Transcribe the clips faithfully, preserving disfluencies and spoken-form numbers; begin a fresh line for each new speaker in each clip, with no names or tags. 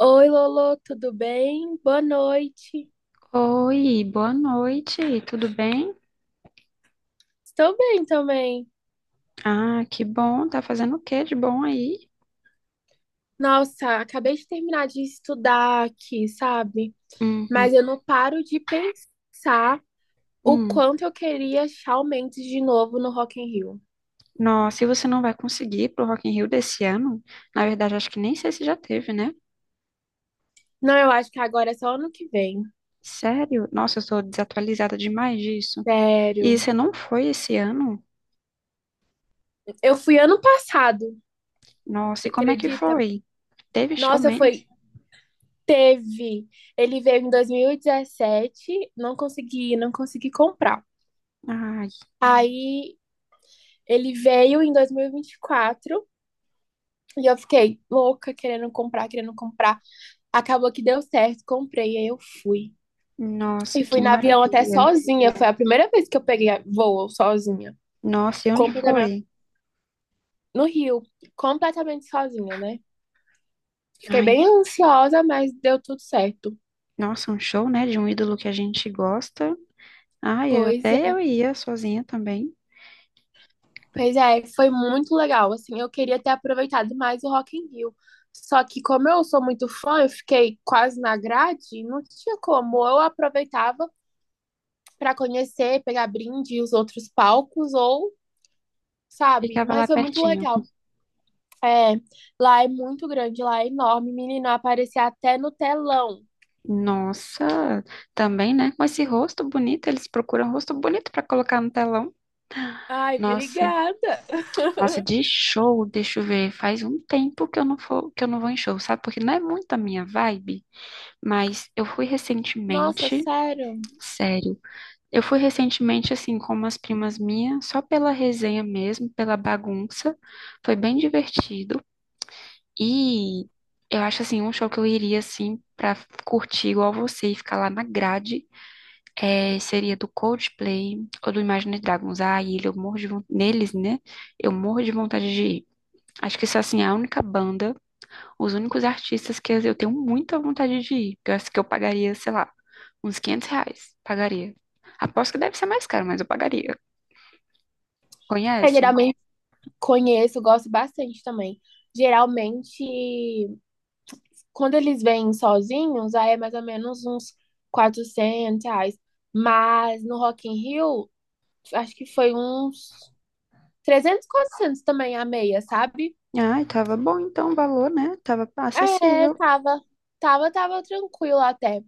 Oi, Lolo, tudo bem? Boa noite.
Oi, boa noite, tudo bem?
Estou bem também.
Ah, que bom, tá fazendo o que de bom aí?
Nossa, acabei de terminar de estudar aqui, sabe?
Uhum.
Mas eu não paro de pensar o
Hum.
quanto eu queria Shawn Mendes de novo no Rock in Rio.
Nossa, e você não vai conseguir ir pro Rock in Rio desse ano? Na verdade, acho que nem sei se já teve, né?
Não, eu acho que agora é só ano que vem.
Sério? Nossa, eu tô desatualizada demais disso. E
Sério.
você não foi esse ano?
Eu fui ano passado,
Nossa,
você
e como é que
acredita?
foi? Teve show
Nossa,
mesmo?
foi. Teve. Ele veio em dois mil e dezessete, não consegui, não consegui comprar.
Ai,
Aí ele veio em dois mil e e vinte e quatro. E eu fiquei louca, querendo comprar, querendo comprar. Acabou que deu certo, comprei, aí eu fui.
nossa,
E fui
que
no avião até
maravilha.
sozinha. Foi a primeira vez que eu peguei voo sozinha.
Nossa, e onde
Completamente
foi?
no Rio, completamente sozinha, né? Fiquei
Ai,
bem ansiosa, mas deu tudo certo.
nossa, um show, né, de um ídolo que a gente gosta. Ah, eu
Pois
até eu
é,
ia sozinha também.
pois é, foi muito legal. Assim, eu queria ter aproveitado mais o Rock in Rio. Só que como eu sou muito fã, eu fiquei quase na grade, não tinha como. Ou eu aproveitava para conhecer, pegar brinde e os outros palcos, ou, sabe?
Ficava
Mas
lá
foi muito
pertinho.
legal. É, lá é muito grande, lá é enorme. Menina, aparecia até no telão.
Nossa, também, né? Com esse rosto bonito, eles procuram rosto bonito pra colocar no telão.
Ai,
Nossa,
obrigada.
nossa, de show, deixa eu ver. Faz um tempo que eu não for, que eu não vou em show, sabe? Porque não é muito a minha vibe, mas eu fui
Nossa,
recentemente,
sério.
sério. Eu fui recentemente assim com umas primas minhas, só pela resenha mesmo, pela bagunça. Foi bem divertido. E eu acho assim, um show que eu iria assim pra curtir igual você e ficar lá na grade é, seria do Coldplay ou do Imagine Dragons. Ah, e ele- eu morro de von- neles, né? Eu morro de vontade de ir. Acho que isso assim, é a única banda, os únicos artistas que eu tenho muita vontade de ir. Que eu acho que eu pagaria, sei lá, uns quinhentos reais. Pagaria. Aposto que deve ser mais caro, mas eu pagaria.
É,
Conhece?
geralmente conheço, gosto bastante também. Geralmente, quando eles vêm sozinhos, aí é mais ou menos uns quatrocentos reais. Mas no Rock in Rio, acho que foi uns trezentos, quatrocentos também a meia, sabe?
Ai, tava bom então o valor, né? Tava
É,
acessível.
tava, tava, tava tranquilo até.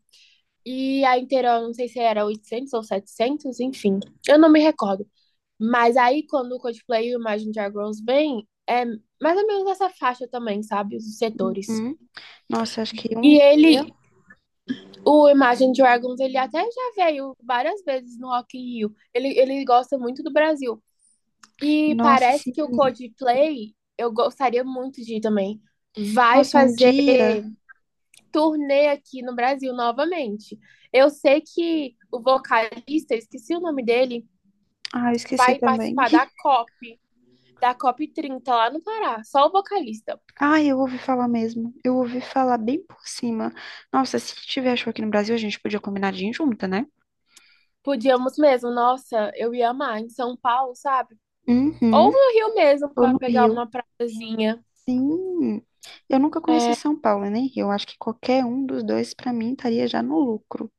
E a inteira, eu não sei se era oitocentos ou setecentos, enfim, eu não me recordo. Mas aí, quando o Coldplay e o Imagine Dragons vem, é mais ou menos essa faixa também, sabe? Os setores.
Uhum. Nossa, acho que um
E
dia.
ele, o Imagine Dragons, ele até já veio várias vezes no Rock in Rio. Ele, ele gosta muito do Brasil. E
Nossa,
parece
sim.
que o Coldplay, eu gostaria muito de ir também, vai
Nossa, um
fazer
dia.
turnê aqui no Brasil novamente. Eu sei que o vocalista, esqueci o nome dele,
Ah, eu esqueci
vai
também.
participar da COP, da COP trinta lá no Pará, só o vocalista.
Ah, eu ouvi falar mesmo. Eu ouvi falar bem por cima. Nossa, se tiver show aqui no Brasil, a gente podia combinar de ir junta, né?
Podíamos mesmo, nossa, eu ia amar em São Paulo, sabe? Ou
Uhum.
no Rio mesmo,
Ou
para
no
pegar
Rio.
uma praiazinha.
Sim. Eu nunca conheci
É...
São Paulo, nem Rio. Acho que qualquer um dos dois, pra mim, estaria já no lucro.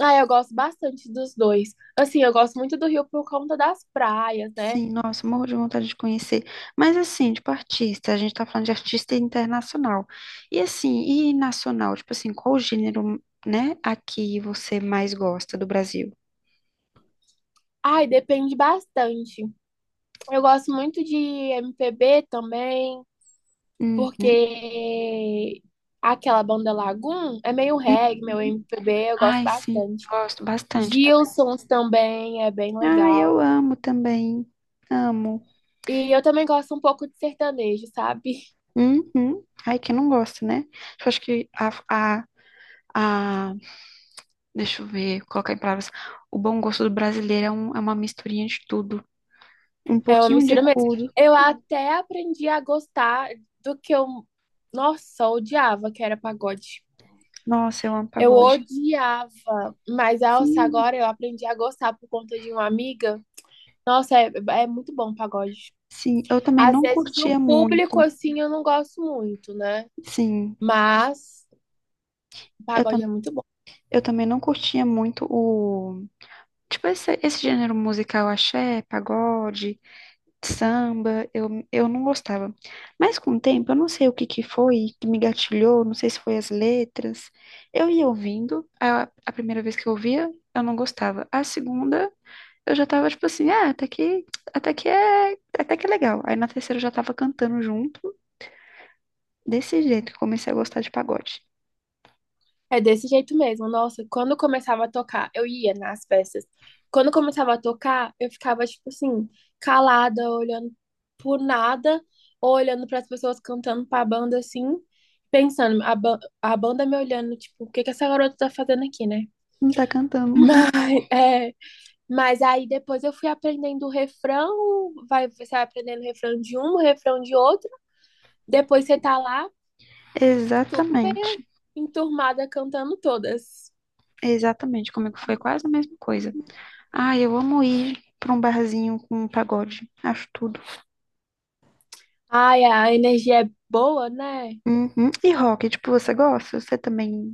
Ah, eu gosto bastante dos dois. Assim, eu gosto muito do Rio por conta das praias, né?
Sim, nossa, morro de vontade de conhecer. Mas assim, tipo artista, a gente tá falando de artista internacional. E assim, e nacional, tipo assim, qual o gênero, né, aqui você mais gosta do Brasil?
Ai, depende bastante. Eu gosto muito de M P B também.
Uhum.
Porque aquela banda Lagoon é meio reggae, meu
Uhum.
M P B, eu gosto
Ai, sim,
bastante.
gosto bastante também.
Gilsons também é bem
Ai, eu
legal.
amo também. Amo.
E eu também gosto um pouco de sertanejo, sabe?
Uhum. Ai, quem não gosta, né? Eu acho que a, a, a- deixa eu ver, colocar em palavras, o bom gosto do brasileiro é, um- é uma misturinha de tudo. Um
É uma
pouquinho de
mistura mesmo.
tudo.
Eu até aprendi a gostar do que eu, nossa, eu odiava, que era pagode.
Nossa, eu amo
Eu
pagode.
odiava, mas nossa,
Sim.
agora eu aprendi a gostar por conta de uma amiga. Nossa, é, é muito bom o pagode.
Sim, eu também
Às
não
vezes o
curtia
público,
muito.
assim, eu não gosto muito, né?
Sim,
Mas o
eu, tam
pagode é muito bom.
eu também não curtia muito o. Tipo, esse, esse gênero musical, axé, pagode, samba, eu, eu não gostava. Mas com o tempo, eu não sei o que que foi que me gatilhou, não sei se foi as letras. Eu ia ouvindo, a, a primeira vez que eu ouvia, eu não gostava. A segunda, eu já tava tipo assim, ah, até que, até que é, até que é legal. Aí na terceira eu já tava cantando junto. Desse jeito que eu comecei a gostar de pagode.
É desse jeito mesmo. Nossa, quando começava a tocar, eu ia nas festas. Quando começava a tocar, eu ficava, tipo assim, calada, olhando por nada, ou olhando para as pessoas cantando pra banda assim, pensando, a, ba- a banda me olhando, tipo, o que que essa garota tá fazendo aqui, né?
Não tá cantando.
Mas, é, mas aí depois eu fui aprendendo o refrão, vai, você vai aprendendo o refrão de um, o refrão de outro. Depois você tá lá
Exatamente.
bem enturmada cantando todas.
Exatamente. Comigo foi quase a mesma coisa. Ah, eu amo ir pra um barzinho com pagode. Acho tudo.
Ai, a energia é boa, né?
Uhum. E rock, tipo, você gosta? Você também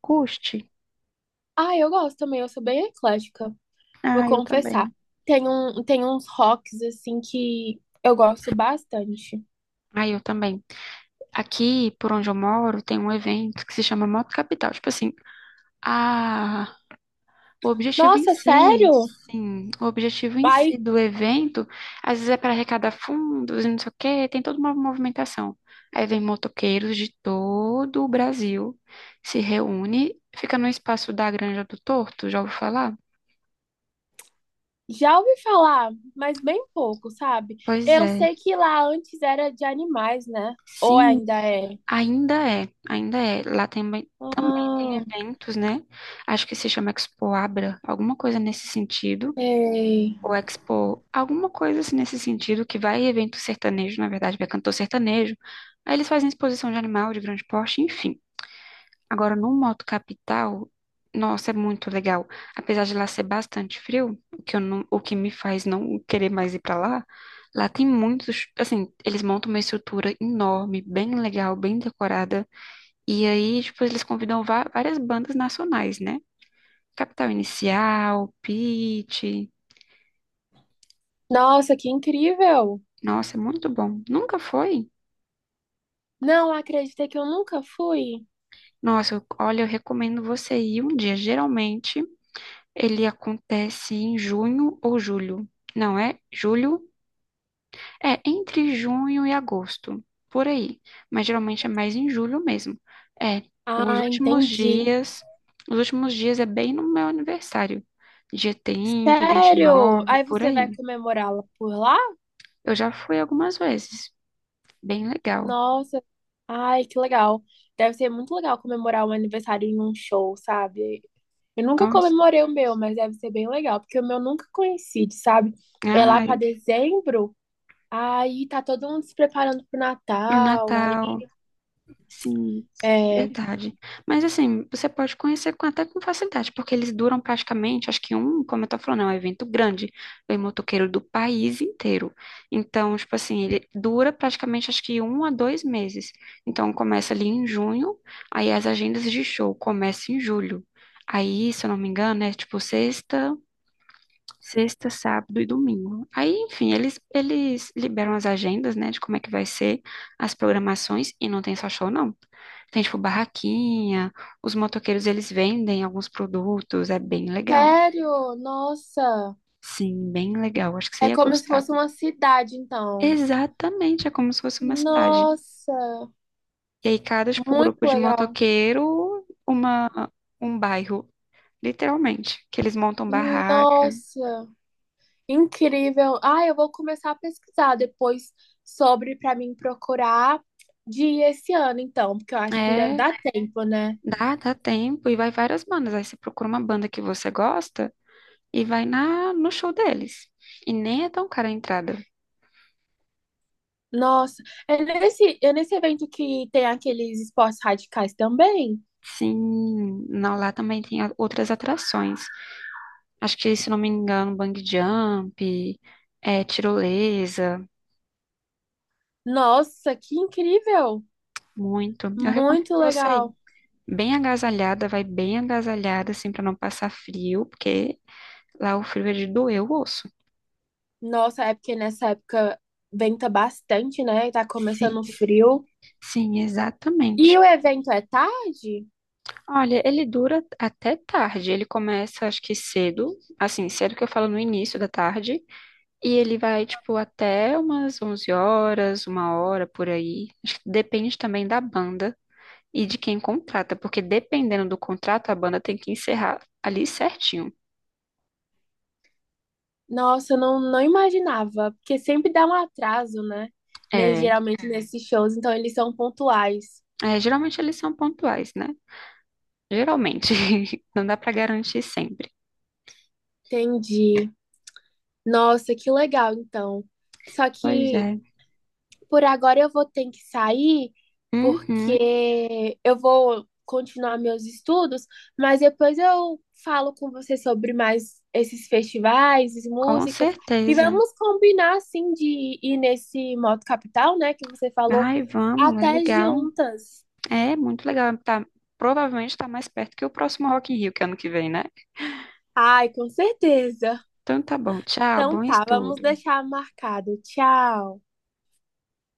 curte?
Ai, eu gosto também, eu sou bem eclética, vou
Ah, eu
confessar.
também.
Tem um, tem uns rocks assim que eu gosto bastante.
Ah, eu também. Aqui, por onde eu moro, tem um evento que se chama Moto Capital. Tipo assim, a o objetivo em
Nossa,
si,
sério?
sim, o objetivo em si
Ai,
do evento, às vezes é para arrecadar fundos e não sei o quê, tem toda uma movimentação. Aí vem motoqueiros de todo o Brasil, se reúne, fica no espaço da Granja do Torto, já ouviu falar?
já ouvi falar, mas bem pouco, sabe?
Pois
Eu
é,
sei que lá antes era de animais, né? Ou
sim,
ainda é?
ainda é, ainda é. Lá tem, também também tem
Ah,
eventos, né? Acho que se chama Expo Abra, alguma coisa nesse sentido.
sei.
Ou Expo, alguma coisa assim nesse sentido, que vai evento sertanejo, na verdade, vai cantor sertanejo. Aí eles fazem exposição de animal de grande porte, enfim. Agora, no Moto Capital, nossa, é muito legal. Apesar de lá ser bastante frio, o que eu não, o que me faz não querer mais ir pra lá, lá tem muitos, assim, eles montam uma estrutura enorme, bem legal, bem decorada. E aí, tipo, eles convidam va- várias bandas nacionais, né? Capital Inicial, Pitty.
Nossa, que incrível!
Nossa, é muito bom. Nunca foi?
Não acredita que eu nunca fui?
Nossa, eu- olha, eu recomendo você ir um dia. Geralmente ele acontece em junho ou julho. Não é julho, é entre junho e agosto, por aí. Mas geralmente é mais em julho mesmo. É, os
Ah,
últimos
entendi.
dias, os últimos dias é bem no meu aniversário. Dia trinta, vinte e
Sério?
nove,
Aí
por
você vai
aí.
comemorá-la por lá?
Eu já fui algumas vezes. Bem legal.
Nossa, ai, que legal. Deve ser muito legal comemorar um aniversário em um show, sabe? Eu nunca
Nossa.
comemorei o meu, mas deve ser bem legal, porque o meu nunca coincide, sabe? É lá pra
Ai,
dezembro, aí tá todo mundo se preparando pro
pro
Natal, aí
Natal. Sim,
é...
verdade. Mas assim, você pode conhecer com- até com facilidade, porque eles duram praticamente, acho que um, como eu tô falando, é um evento grande. Vem motoqueiro do país inteiro. Então, tipo assim, ele dura praticamente acho que um a dois meses. Então, começa ali em junho, aí as agendas de show começam em julho. Aí, se eu não me engano, é tipo sexta. Sexta, sábado e domingo. Aí, enfim, eles, eles liberam as agendas, né, de como é que vai ser as programações e não tem só show, não. Tem, tipo, barraquinha, os motoqueiros, eles vendem alguns produtos, é bem legal.
Sério? Nossa,
Sim, bem legal, acho que você
é
ia
como se
gostar.
fosse uma cidade, então.
Exatamente, é como se fosse uma cidade.
Nossa,
E aí, cada, tipo,
muito
grupo de
legal.
motoqueiro, uma, um bairro, literalmente, que eles montam barraca.
Nossa. Incrível. Ah, eu vou começar a pesquisar depois sobre para mim procurar de ir esse ano, então, porque eu acho que ainda
É.
dá tempo, né?
Dá, dá tempo e vai várias bandas. Aí você procura uma banda que você gosta e vai na no show deles. E nem é tão cara a entrada.
Nossa, é nesse, é nesse evento que tem aqueles esportes radicais também?
Sim, não, lá também tem a- outras atrações. Acho que, se não me engano, bang jump, é, tirolesa,
Nossa, que incrível!
muito. Eu recomendo
Muito
você ir.
legal.
Bem agasalhada, vai bem agasalhada, assim, pra não passar frio, porque lá o frio é de doer o osso.
Nossa, é porque nessa época venta bastante, né? E tá
Sim,
começando o frio.
sim, exatamente.
E o evento é tarde?
Olha, ele dura até tarde. Ele começa, acho que cedo, assim, cedo que eu falo no início da tarde, e ele vai, tipo, até umas onze horas, uma hora por aí. Acho que depende também da banda e de quem contrata, porque dependendo do contrato, a banda tem que encerrar ali certinho.
Nossa, eu não, não imaginava, porque sempre dá um atraso, né? Nes-
É,
geralmente nesses shows, então eles são pontuais.
é, geralmente eles são pontuais, né? Geralmente. Não dá pra garantir sempre.
Entendi. Nossa, que legal, então. Só
Pois
que
é.
por agora eu vou ter que sair,
Uhum,
porque eu vou continuar meus estudos, mas depois eu falo com você sobre mais esses festivais, as
com
músicas, e
certeza.
vamos combinar, assim, de ir nesse Moto Capital, né, que você falou,
Ai, vamos, é
até
legal.
juntas.
É muito legal. Tá, provavelmente tá mais perto que o próximo Rock in Rio, que é ano que vem, né?
Ai, com certeza.
Então tá bom. Tchau,
Então
bom
tá, vamos
estudo.
deixar marcado. Tchau.